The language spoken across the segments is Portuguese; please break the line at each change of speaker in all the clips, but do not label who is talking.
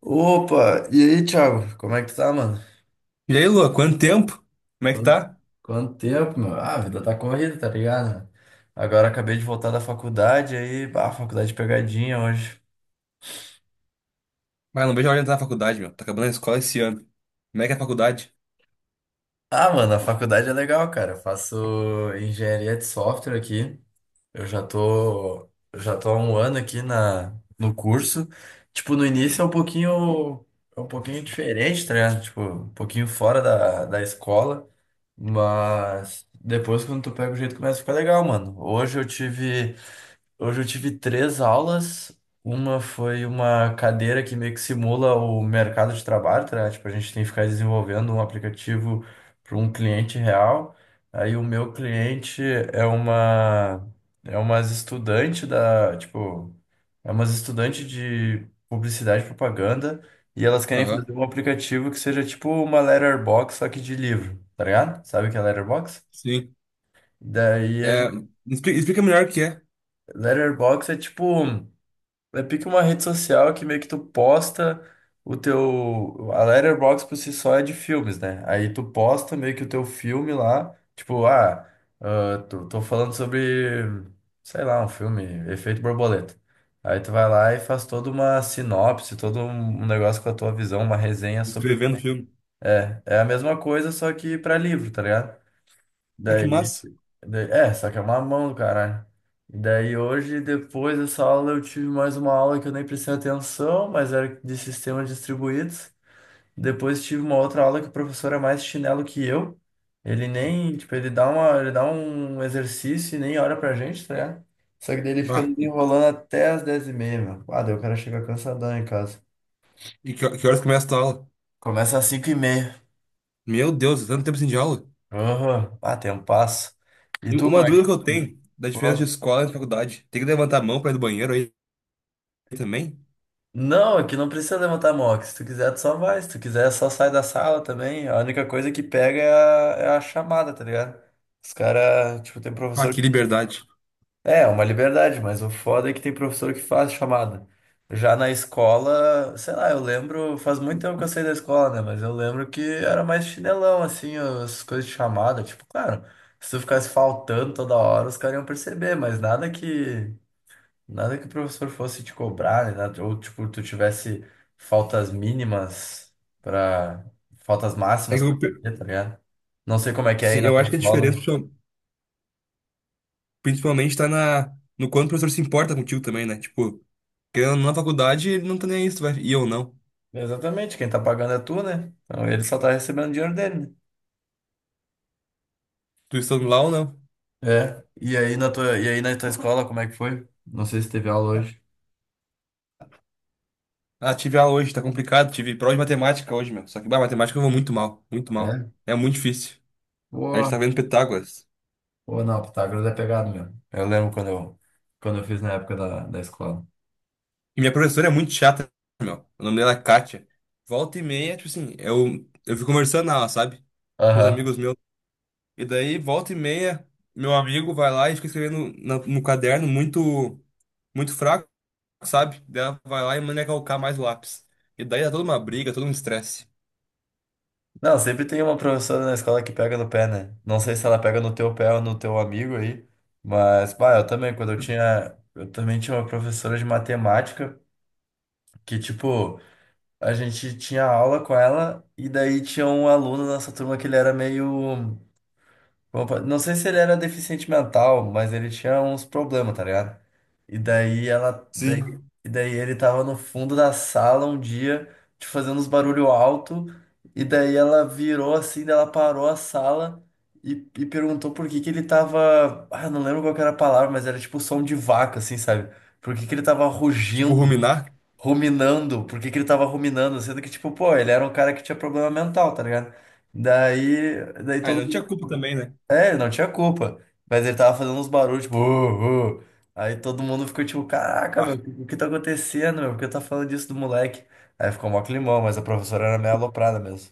Opa, e aí, Thiago? Como é que tu tá, mano?
E aí, Lua, quanto tempo? Como é que
Quanto,
tá?
quanto tempo, meu? Ah, a vida tá corrida, tá ligado? Agora acabei de voltar da faculdade, aí, faculdade de pegadinha hoje.
Ah, não vejo a hora de entrar na faculdade, meu. Tá acabando a escola esse ano. Como é que é a faculdade?
Ah, mano, a faculdade é legal, cara. Eu faço engenharia de software aqui. Eu já tô há um ano aqui no curso. Tipo, no início é um pouquinho diferente, tá ligado? Tipo, um pouquinho fora da escola. Mas depois, quando tu pega o jeito, começa a ficar legal, mano. Hoje eu tive três aulas. Uma foi uma cadeira que meio que simula o mercado de trabalho, tá? Tipo, a gente tem que ficar desenvolvendo um aplicativo para um cliente real. Aí o meu cliente é uma é umas estudante da, tipo, é umas estudantes de publicidade e propaganda e elas querem
Aham,
fazer um aplicativo que seja tipo uma letterbox só que de livro, tá ligado? Sabe o que é letterbox?
sim.
Daí a
É,
gente-
explica melhor o que é
letterbox é tipo um É pique uma rede social que meio que tu posta o teu. A Letterboxd por si só é de filmes, né? Aí tu posta meio que o teu filme lá. Tipo, tô falando sobre, sei lá, um filme, Efeito Borboleta. Aí tu vai lá e faz toda uma sinopse, todo um negócio com a tua visão, uma resenha sobre.
escrevendo filme.
É, é a mesma coisa, só que pra livro, tá ligado?
Ah, que
Daí.
massa.
É, só que é uma mão do caralho. E daí hoje, depois dessa aula, eu tive mais uma aula que eu nem prestei atenção, mas era de sistemas distribuídos. Depois tive uma outra aula que o professor é mais chinelo que eu. Ele nem, tipo, ele dá um exercício e nem olha pra gente, tá ligado? Só que daí ele fica
Bah,
nos
E,
enrolando até as 10h30, meu. Ah, daí o cara chega cansadão em casa.
e que horas começa a tua aula?
Começa às 5h30.
Meu Deus, é tanto tempo sem de aula.
Aham. Ah, tem um passo. E
E
tu, como
uma dúvida que eu tenho da diferença de escola e de faculdade. Tem que levantar a mão pra ir do banheiro aí também?
É que não precisa levantar a mão. Se tu quiser, tu só vai. Se tu quiser, só sai da sala também. A única coisa que pega é a chamada, tá ligado? Os caras, tipo, tem
Ah,
professor
que
que.
liberdade.
É, é uma liberdade, mas o foda é que tem professor que faz chamada. Já na escola, sei lá, eu lembro, faz muito tempo que eu saí da escola, né? Mas eu lembro que era mais chinelão, assim, as coisas de chamada. Tipo, claro, se tu ficasse faltando toda hora, os caras iam perceber, mas nada que. Nada que o professor fosse te cobrar, né? Ou tipo, tu tivesse faltas mínimas para faltas
É
máximas
que eu,
pra
pe-
fazer, tá ligado? Não sei como é que é aí
sim,
na
eu
tua
acho que a
escola.
principalmente tá no quanto o professor se importa contigo também, né? Tipo, querendo ou não, na faculdade, ele não tá nem aí, se tu vai e eu não.
Exatamente, quem tá pagando é tu, né? Então ele só tá recebendo o dinheiro dele, né?
Tu estando lá ou não?
É. E aí na tua escola, como é que foi? Não sei se teve aula hoje.
Ah, tive aula hoje, tá complicado, tive prova de matemática hoje, meu. Só que, bah, matemática eu vou muito mal, muito mal.
É?
É muito difícil. A gente
Pô,
tá vendo Pitágoras.
pô, não, Pitágoras é pegado mesmo. Eu lembro quando eu fiz na época da escola.
E minha professora é muito chata, meu. O nome dela é Kátia. Volta e meia, tipo assim, eu fico conversando na aula, sabe? Com os
Aham.
amigos meus. E daí, volta e meia, meu amigo vai lá e fica escrevendo no caderno muito, muito fraco, sabe? Daí ela vai lá e manda calcar mais o lápis. E daí dá toda uma briga, todo um estresse.
Não, sempre tem uma professora na escola que pega no pé, né? Não sei se ela pega no teu pé ou no teu amigo aí, mas, pá, eu também, quando eu tinha. Eu também tinha uma professora de matemática que, tipo, a gente tinha aula com ela e daí tinha um aluno na nossa turma que ele era meio. Opa, não sei se ele era deficiente mental, mas ele tinha uns problemas, tá ligado? E daí ela, daí,
Sim.
e daí ele tava no fundo da sala um dia, te fazendo uns barulho alto, e daí ela virou assim, daí ela parou a sala e, e perguntou por que que ele tava, não lembro qual que era a palavra, mas era tipo som de vaca, assim, sabe? Por que que ele tava
Tipo,
rugindo,
ruminar.
ruminando, por que que ele tava ruminando, sendo que tipo, pô, ele era um cara que tinha problema mental, tá ligado? Daí
Ah,
todo
não
mundo
tinha culpa também, né?
é, ele não tinha culpa. Mas ele tava fazendo uns barulhos, tipo, uh". Aí todo mundo ficou tipo, caraca, meu,
Ah,
o que tá acontecendo, meu? Por que tá falando disso do moleque? Aí ficou mó climão, mas a professora era meio aloprada mesmo.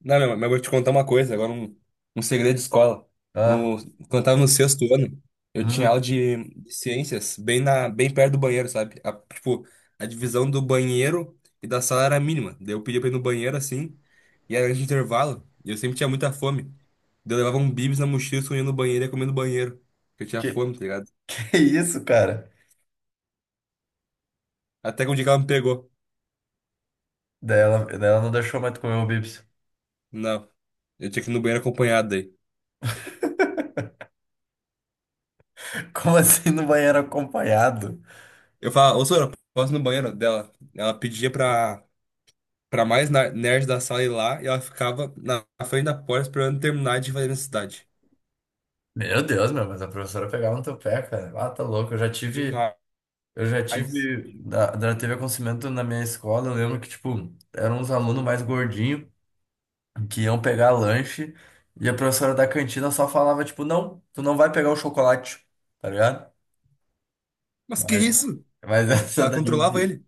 não, meu, mas eu vou te contar uma coisa, agora um segredo de escola.
Ah,
No, quando eu tava no sexto ano, eu tinha aula
uhum.
de ciências bem, na, bem perto do banheiro, sabe? A- tipo, a divisão do banheiro e da sala era mínima. Daí eu pedia pra ir no banheiro assim, e era de intervalo, e eu sempre tinha muita fome. Daí eu levava um bibis na mochila, escondia no banheiro e ia comer no banheiro. Porque eu tinha
Que,
fome, tá ligado?
que isso, cara?
Até que um dia que ela me pegou.
Daí ela não deixou mais tu comer o bips.
Não, eu tinha que ir no banheiro acompanhado daí.
Como assim no banheiro acompanhado?
Eu falava, ô Sora, posso ir no banheiro dela? Ela pedia pra mais nerd da sala ir lá e ela ficava na frente da porta esperando terminar de fazer necessidade.
Meu Deus, meu, mas a professora pegava no teu pé, cara. Ah, tá louco, eu já tive.
Demais.
Teve acontecimento na minha escola, eu lembro que, tipo, eram uns alunos mais gordinhos. Que iam pegar lanche e a professora da cantina só falava, tipo, não, tu não vai pegar o chocolate, tá ligado?
Mas que
Mas,
isso?
mas
Ela controlava ele.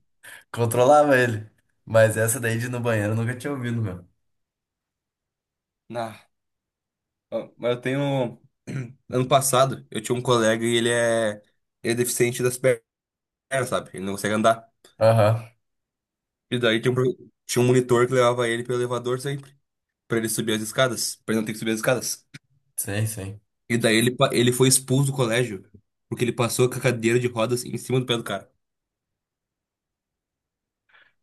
controlava ele. Mas essa daí de ir no banheiro eu nunca tinha ouvido, meu.
Ah, ó, mas eu tenho. Ano passado, eu tinha um colega e ele é deficiente das pernas, sabe? Ele não consegue andar.
Aham,
E daí tinha um, tinha um monitor que levava ele pelo elevador sempre, pra ele subir as escadas, pra ele não ter que subir as escadas.
sim, sim.
E daí ele, ele foi expulso do colégio, porque ele passou com a cadeira de rodas em cima do pé do cara,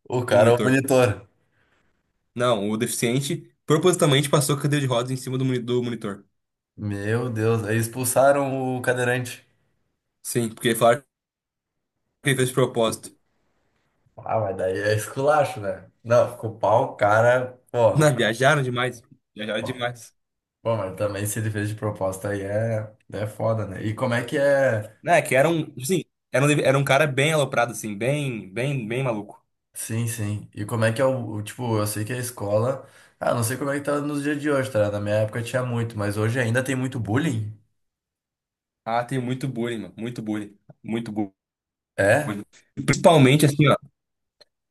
O
do
cara é o
monitor.
monitor.
Não, o deficiente propositalmente passou com a cadeira de rodas em cima do, do monitor.
Meu Deus, aí expulsaram o cadeirante.
Sim, porque falaram que ele fez de propósito.
Ah, mas daí é esculacho, né? Não, ficou pau, o cara, pô.
Não, viajaram demais. Viajaram demais.
Bom, mas também se ele fez de proposta aí é foda, né? E como é que é?
Não, é que era um, tipo assim, era um, era um cara bem aloprado, assim, bem, bem, bem maluco.
Sim, sim. E como é que é tipo, eu sei que a escola, não sei como é que tá nos dias de hoje, tá? Na minha época tinha muito, mas hoje ainda tem muito bullying?
Ah, tem muito bullying, mano, muito bullying,
É?
bullying. E principalmente, assim, ó,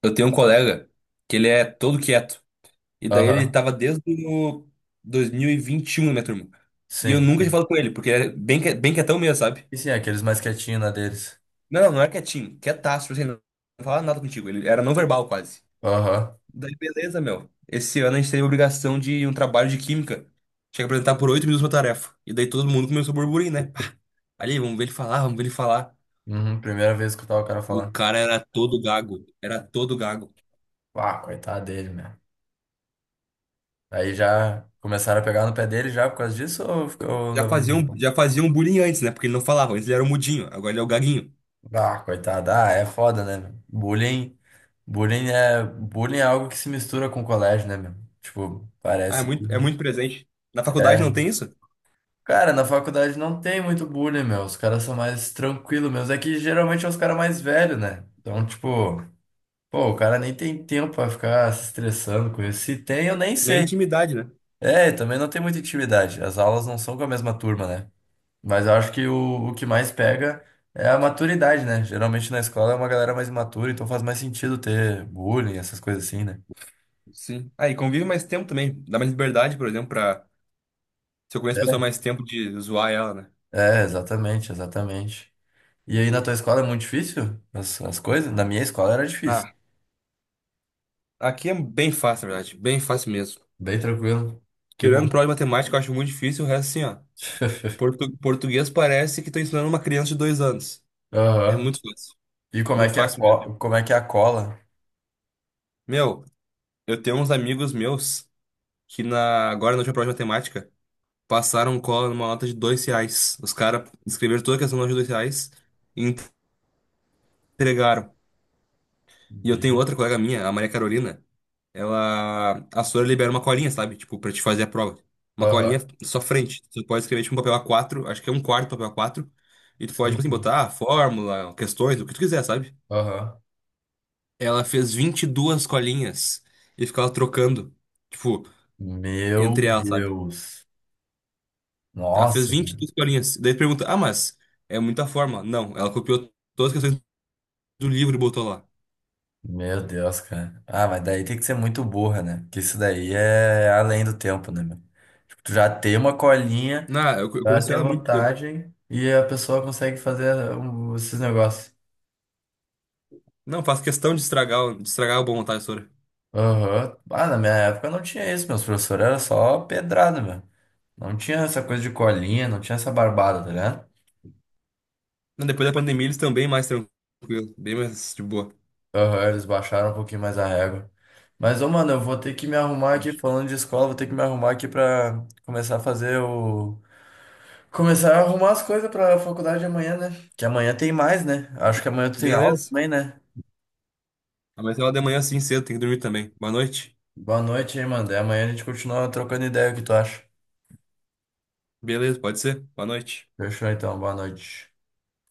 eu tenho um colega que ele é todo quieto. E daí ele
Aham.
tava desde o 2021 na minha turma. E eu
Sim.
nunca tinha
Sim.
falado com ele, porque ele é bem, bem quietão mesmo, sabe?
E sim, aqueles mais quietinhos na deles.
Não, não é quietinho, quietaço, assim, não falava nada contigo. Ele era não verbal quase.
Aham.
Daí, beleza, meu. Esse ano a gente teve a obrigação de um trabalho de química. Tinha que apresentar por 8 minutos uma tarefa. E daí todo mundo começou a burburinho, né? Ali, vamos ver ele falar, vamos ver ele falar.
Uhum. Primeira vez que eu tava o cara
O
falar.
cara era todo gago, era todo gago.
Ah, coitado dele, né? Aí já começaram a pegar no pé dele já por causa disso ou ficou levando?
Já fazia um bullying antes, né? Porque ele não falava, antes ele era o mudinho, agora ele é o gaguinho.
Ah, coitado. Ah, é foda, né, meu? Bullying é algo que se mistura com o colégio, né, meu? Tipo,
Ah,
parece
é
que...
muito presente. Na faculdade não
É.
tem isso?
Cara, na faculdade não tem muito bullying, meu. Os caras são mais tranquilos, meus. É que geralmente é os caras mais velhos, né? Então, tipo, pô, o cara nem tem tempo pra ficar se estressando com isso. Se tem, eu nem
Nem
sei.
intimidade, né?
É, também não tem muita intimidade. As aulas não são com a mesma turma, né? Mas eu acho que o que mais pega é a maturidade, né? Geralmente na escola é uma galera mais imatura, então faz mais sentido ter bullying, essas coisas assim, né?
Sim. Ah, e convive mais tempo também. Dá mais liberdade, por exemplo, pra. Se eu conheço a pessoa mais tempo de zoar ela, né?
Exatamente, exatamente. E aí na tua escola é muito difícil as coisas? Na minha escola era difícil.
Ah, aqui é bem fácil, na verdade. Bem fácil mesmo.
Bem tranquilo. Que
Tirando
bom.
prova de matemática, eu acho muito difícil. O resto, assim, ó. Português parece que tô ensinando uma criança de 2 anos. É
Aham.
muito fácil.
E como é
Muito
que é a
fácil mesmo.
cola? Como é que é a cola?
Meu, eu tenho uns amigos meus que na, agora na última prova de matemática passaram cola numa nota de 2 reais. Os caras escreveram toda a questão na nota de 2 reais. Entregaram. E eu tenho
Meu-
outra colega minha, a Maria Carolina. Ela. A senhora libera uma colinha, sabe? Tipo, pra te fazer a prova. Uma
Aham.
colinha só frente. Tu pode escrever tipo um papel a quatro acho que é um quarto papel a quatro. E tu pode,
Sim,
tipo assim,
sim.
botar ah, fórmula, questões, o que tu quiser, sabe?
Aham.
Ela fez 22 colinhas e ficava trocando. Tipo,
Meu
entre elas, sabe?
Deus.
Ela fez
Nossa.
22 colinhas. Daí tu pergunta, ah, mas é muita fórmula. Não, ela copiou todas as questões do livro e botou lá.
Meu Deus, cara. Ah, mas daí tem que ser muito burra, né? Porque isso daí é além do tempo, né, meu? Tipo, tu já tem uma colinha
Não, eu
pra
conheço
ter
ela há muito tempo.
vantagem e a pessoa consegue fazer esses negócios.
Não, faço questão de estragar, de estragar a boa vontade.
Aham. Ah, na minha época não tinha isso. Meus professores eram só pedrada, meu. Não tinha essa coisa de colinha, não tinha essa barbada, tá ligado?
Não, depois da pandemia eles estão bem mais tranquilos, bem mais de boa.
Aham, eles baixaram um pouquinho mais a régua. Mas, ô, mano, eu vou ter que me arrumar aqui,
Mas,
falando de escola, vou ter que me arrumar aqui pra começar a fazer o. Começar a arrumar as coisas pra faculdade amanhã, né? Que amanhã tem mais, né? Acho que amanhã tu tem aula
beleza.
também, né?
Amanhã de manhã assim cedo, tem que dormir também. Boa noite.
Boa noite, hein, mano. Daí amanhã a gente continua trocando ideia, o que tu acha?
Beleza, pode ser? Boa noite.
Fechou então, boa noite.